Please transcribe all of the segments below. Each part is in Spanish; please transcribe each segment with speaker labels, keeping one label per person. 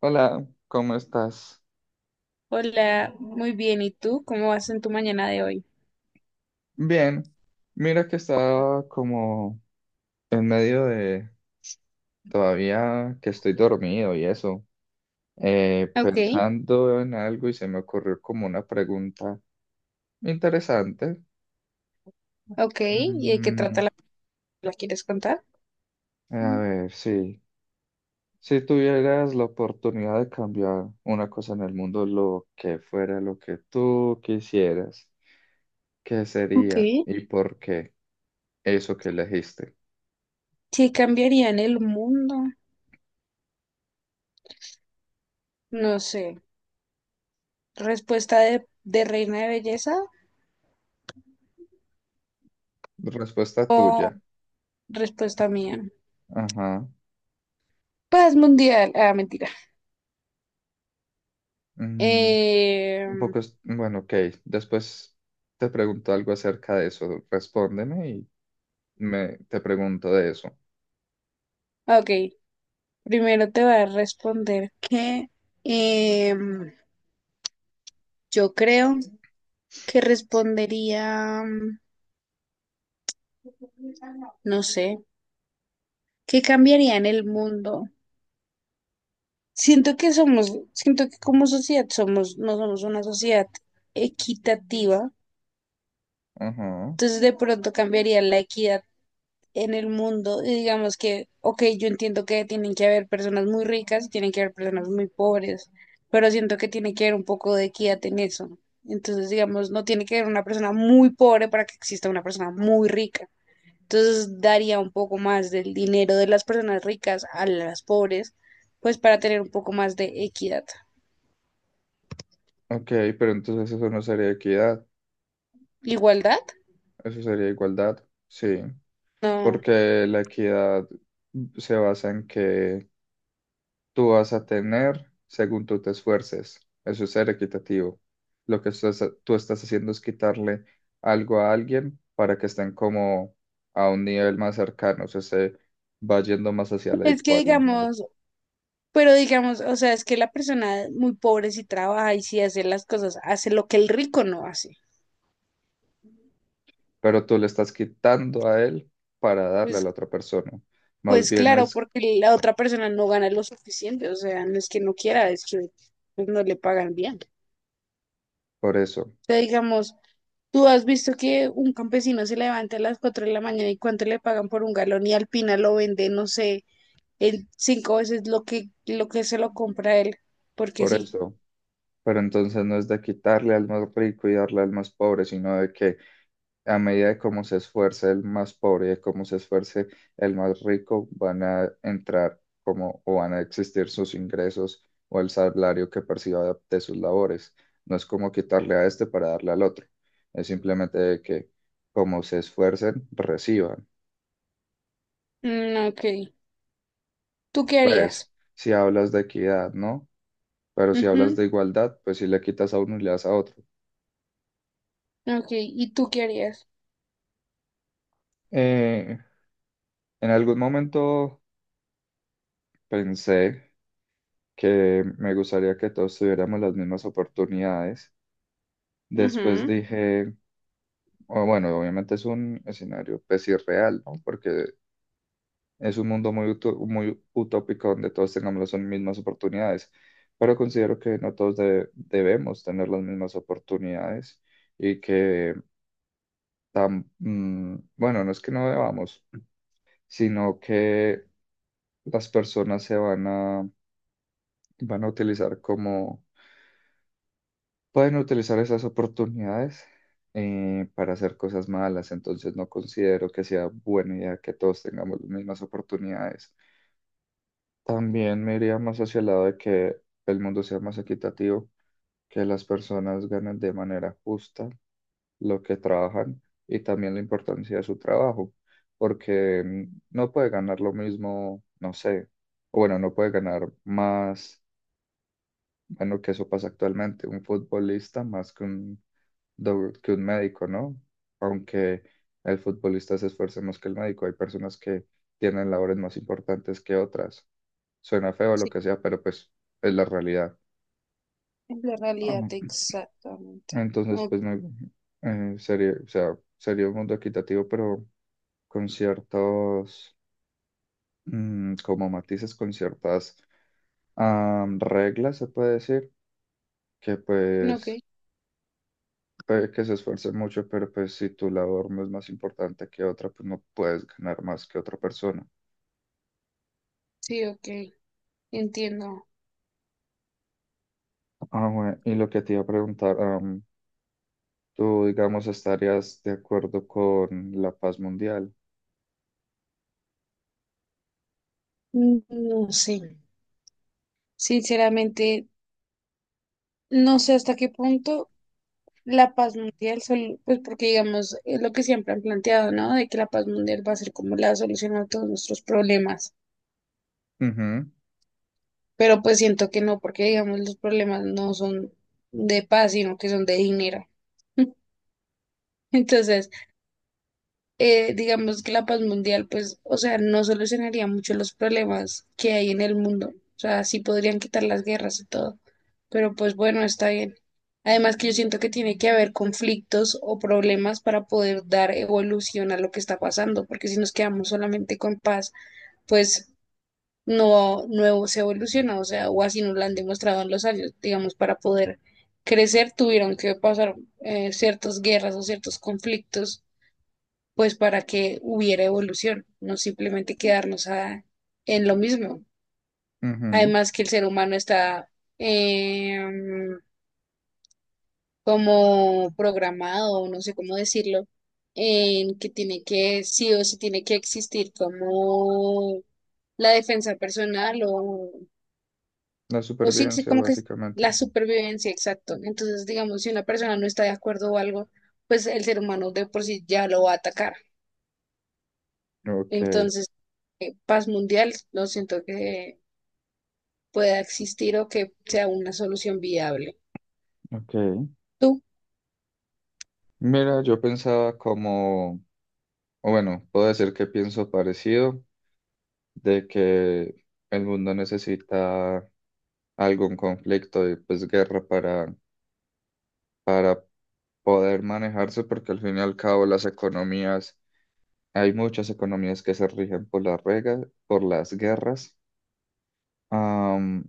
Speaker 1: Hola, ¿cómo estás?
Speaker 2: Hola, muy bien. ¿Y tú? ¿Cómo vas en tu mañana de hoy?
Speaker 1: Bien, mira que estaba como en medio de todavía que estoy dormido y eso,
Speaker 2: Ok,
Speaker 1: pensando en algo y se me ocurrió como una pregunta interesante.
Speaker 2: ok. ¿Y de qué trata
Speaker 1: Mm,
Speaker 2: la película? ¿Quieres contar?
Speaker 1: a
Speaker 2: Mm.
Speaker 1: ver, sí, si tuvieras la oportunidad de cambiar una cosa en el mundo, lo que fuera lo que tú quisieras, ¿qué
Speaker 2: Ok.
Speaker 1: sería y por qué eso que elegiste?
Speaker 2: ¿Qué cambiaría en el mundo? No sé. ¿Respuesta de reina de belleza
Speaker 1: Respuesta
Speaker 2: o
Speaker 1: tuya.
Speaker 2: respuesta mía?
Speaker 1: Ajá.
Speaker 2: Paz mundial. Ah, mentira.
Speaker 1: Mm,
Speaker 2: Eh,
Speaker 1: un poco, bueno, ok. Después te pregunto algo acerca de eso. Respóndeme y te pregunto de eso.
Speaker 2: ok. Primero te voy a responder que em, yo creo que respondería, no sé, ¿qué cambiaría en el mundo? Siento que somos, siento que como sociedad somos, no somos una sociedad equitativa,
Speaker 1: Ajá.
Speaker 2: entonces de pronto cambiaría la equidad en el mundo y digamos que, ok, yo entiendo que tienen que haber personas muy ricas y tienen que haber personas muy pobres, pero siento que tiene que haber un poco de equidad en eso. Entonces, digamos, no tiene que haber una persona muy pobre para que exista una persona muy rica. Entonces, daría un poco más del dinero de las personas ricas a las pobres, pues para tener un poco más de equidad.
Speaker 1: Ok, pero entonces eso no sería equidad,
Speaker 2: ¿Igualdad?
Speaker 1: eso sería igualdad. Sí,
Speaker 2: No,
Speaker 1: porque la equidad se basa en que tú vas a tener según tú te esfuerces. Eso es ser equitativo. Lo que tú estás haciendo es quitarle algo a alguien para que estén como a un nivel más cercano, o sea, se va yendo más hacia la
Speaker 2: es que
Speaker 1: igualdad.
Speaker 2: digamos, pero digamos, o sea, es que la persona muy pobre si trabaja y si hace las cosas, hace lo que el rico no hace.
Speaker 1: Pero tú le estás quitando a él para darle a
Speaker 2: Pues,
Speaker 1: la otra persona. Más
Speaker 2: pues
Speaker 1: bien
Speaker 2: claro,
Speaker 1: es
Speaker 2: porque la otra persona no gana lo suficiente, o sea, no es que no quiera, es que pues, no le pagan bien. O
Speaker 1: por eso,
Speaker 2: sea, digamos, tú has visto que un campesino se levanta a las 4 de la mañana y cuánto le pagan por un galón y Alpina lo vende, no sé, en cinco veces lo que se lo compra él, porque
Speaker 1: por
Speaker 2: sí.
Speaker 1: eso. Pero entonces no es de quitarle al más rico y darle al más pobre, sino de que a medida de cómo se esfuerce el más pobre y de cómo se esfuerce el más rico, van a entrar como o van a existir sus ingresos o el salario que perciba de sus labores. No es como quitarle a este para darle al otro. Es simplemente de que como se esfuercen, reciban.
Speaker 2: Mm, ok. ¿Tú qué
Speaker 1: Pues,
Speaker 2: harías?
Speaker 1: si hablas de equidad, ¿no? Pero si hablas de igualdad, pues si le quitas a uno y le das a otro.
Speaker 2: Ok, ¿y tú qué harías?
Speaker 1: Eh, en algún momento pensé que me gustaría que todos tuviéramos las mismas oportunidades. Después
Speaker 2: Ujú.
Speaker 1: dije, o bueno, obviamente es un escenario pues irreal, ¿no? Porque es un mundo muy utópico donde todos tengamos las mismas oportunidades, pero considero que no todos debemos tener las mismas oportunidades y que, bueno, no es que no debamos, sino que las personas van a utilizar como pueden utilizar esas oportunidades para hacer cosas malas, entonces no considero que sea buena idea que todos tengamos las mismas oportunidades. También me iría más hacia el lado de que el mundo sea más equitativo, que las personas ganen de manera justa lo que trabajan y también la importancia de su trabajo, porque no puede ganar lo mismo, no sé, o bueno, no puede ganar más, bueno, que eso pasa actualmente, un futbolista más que un que un médico, ¿no? Aunque el futbolista se esfuerce más que el médico, hay personas que tienen labores más importantes que otras. Suena feo lo
Speaker 2: Sí,
Speaker 1: que sea, pero pues es la realidad.
Speaker 2: es la realidad exactamente.
Speaker 1: Ah, entonces,
Speaker 2: O-
Speaker 1: pues sería, o sea, sería un mundo equitativo, pero con ciertos, como matices, con ciertas reglas, se puede decir, que
Speaker 2: ok,
Speaker 1: pues puede que se esfuerce mucho, pero pues si tu labor no es más importante que otra, pues no puedes ganar más que otra persona.
Speaker 2: sí, ok, entiendo.
Speaker 1: Ah, bueno, y lo que te iba a preguntar, tú, digamos, estarías de acuerdo con la paz mundial.
Speaker 2: Mm, no sé, sinceramente, no sé hasta qué punto la paz mundial, sol- pues porque digamos, es lo que siempre han planteado, ¿no? De que la paz mundial va a ser como la solución a todos nuestros problemas,
Speaker 1: Ujú,
Speaker 2: pero pues siento que no, porque digamos, los problemas no son de paz, sino que son de dinero. Entonces, digamos que la paz mundial, pues, o sea, no solucionaría mucho los problemas que hay en el mundo. O sea, sí podrían quitar las guerras y todo. Pero pues bueno, está bien. Además que yo siento que tiene que haber conflictos o problemas para poder dar evolución a lo que está pasando, porque si nos quedamos solamente con paz, pues no se evoluciona, o sea, o así nos lo han demostrado en los años, digamos, para poder crecer tuvieron que pasar ciertas guerras o ciertos conflictos pues para que hubiera evolución, no simplemente quedarnos a- en lo mismo.
Speaker 1: ujú.
Speaker 2: Además que el ser humano está em, como programado, o no sé cómo decirlo, en que tiene que, sí o sí tiene que existir como la defensa personal
Speaker 1: La
Speaker 2: o sí, sí,
Speaker 1: supervivencia,
Speaker 2: como que es
Speaker 1: básicamente.
Speaker 2: la supervivencia, exacto. Entonces, digamos, si una persona no está de acuerdo o algo, pues el ser humano de por sí ya lo va a atacar.
Speaker 1: Ok,
Speaker 2: Entonces, paz mundial, no siento que pueda existir o que sea una solución viable.
Speaker 1: ok.
Speaker 2: ¿Tú?
Speaker 1: Mira, yo pensaba como, o bueno, puedo decir que pienso parecido, de que el mundo necesita algún conflicto y pues guerra para poder manejarse porque al fin y al cabo las economías, hay muchas economías que se rigen por las reglas, por las guerras, am,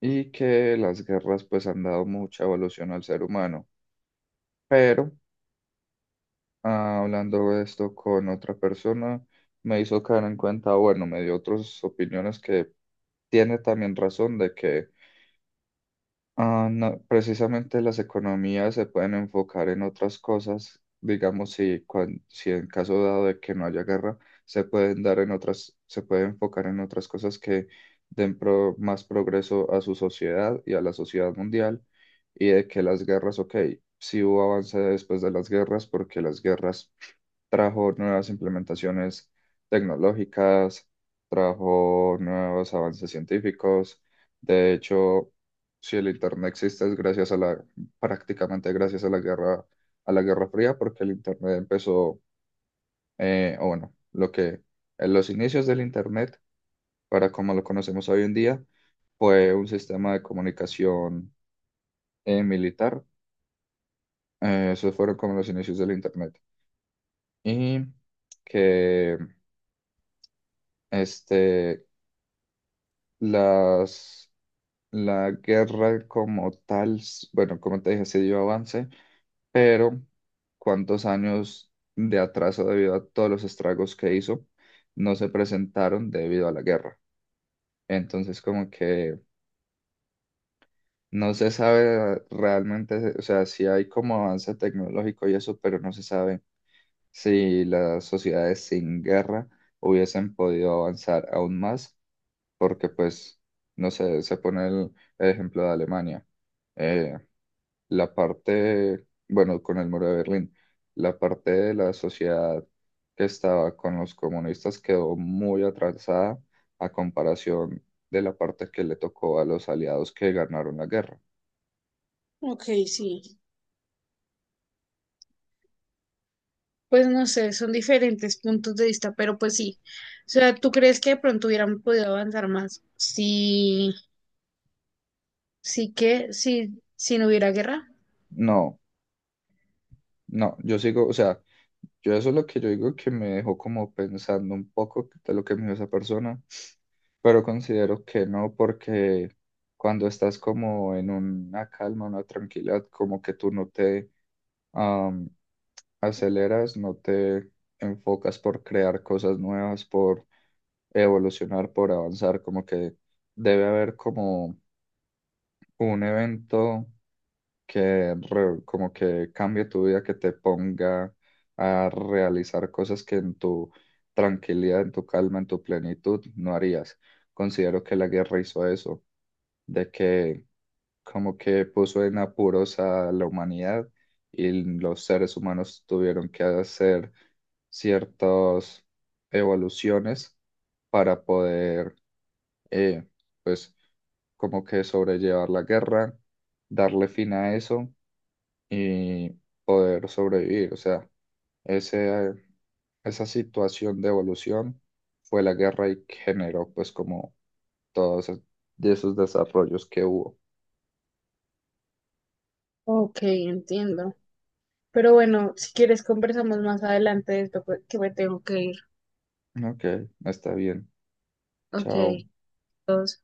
Speaker 1: y que las guerras pues han dado mucha evolución al ser humano. Pero hablando de esto con otra persona, me hizo caer en cuenta, bueno, me dio otras opiniones que tiene también razón de que no, precisamente las economías se pueden enfocar en otras cosas, digamos, si en caso dado de que no haya guerra, se puede enfocar en otras cosas que den más progreso a su sociedad y a la sociedad mundial, y de que las guerras, ok, sí hubo avance después de las guerras, porque las guerras trajo nuevas implementaciones tecnológicas, trajo nuevos avances científicos. De hecho, si el Internet existe es gracias a la, prácticamente gracias a la Guerra Fría, porque el Internet empezó, o bueno, lo que en los inicios del Internet, para como lo conocemos hoy en día, fue un sistema de comunicación militar. Esos fueron como los inicios del Internet. Y que este, las, la guerra como tal, bueno, como te dije, se dio avance, pero cuántos años de atraso debido a todos los estragos que hizo no se presentaron debido a la guerra. Entonces, como que no se sabe realmente, o sea, si hay como avance tecnológico y eso, pero no se sabe si las sociedades sin guerra hubiesen podido avanzar aún más, porque pues, no sé, se pone el ejemplo de Alemania. Eh, bueno, con el muro de Berlín, la parte de la sociedad que estaba con los comunistas quedó muy atrasada a comparación de la parte que le tocó a los aliados que ganaron la guerra.
Speaker 2: Ok, sí. Pues no sé, son diferentes puntos de vista, pero pues sí. O sea, ¿tú crees que de pronto hubieran podido avanzar más? Sí, sí que, sí, si no hubiera guerra.
Speaker 1: No, no, yo sigo, o sea, yo eso es lo que yo digo que me dejó como pensando un poco de lo que me dijo esa persona, pero considero que no, porque cuando estás como en una calma, una tranquilidad, como que tú no te am, aceleras, no te enfocas por crear cosas nuevas, por evolucionar, por avanzar, como que debe haber como un evento que como que cambie tu vida, que te ponga a realizar cosas que en tu tranquilidad, en tu calma, en tu plenitud no harías. Considero que la guerra hizo eso, de que como que puso en apuros a la humanidad y los seres humanos tuvieron que hacer ciertas evoluciones para poder, eh, pues, como que sobrellevar la guerra, darle fin a eso y poder sobrevivir. O sea, ese, esa situación de evolución fue la guerra y generó pues como todos es- de esos desarrollos que hubo.
Speaker 2: Ok, entiendo. Pero bueno, si quieres conversamos más adelante de esto, pues, que me tengo que ir.
Speaker 1: Ok, está bien. Chao.
Speaker 2: Ok. Todos.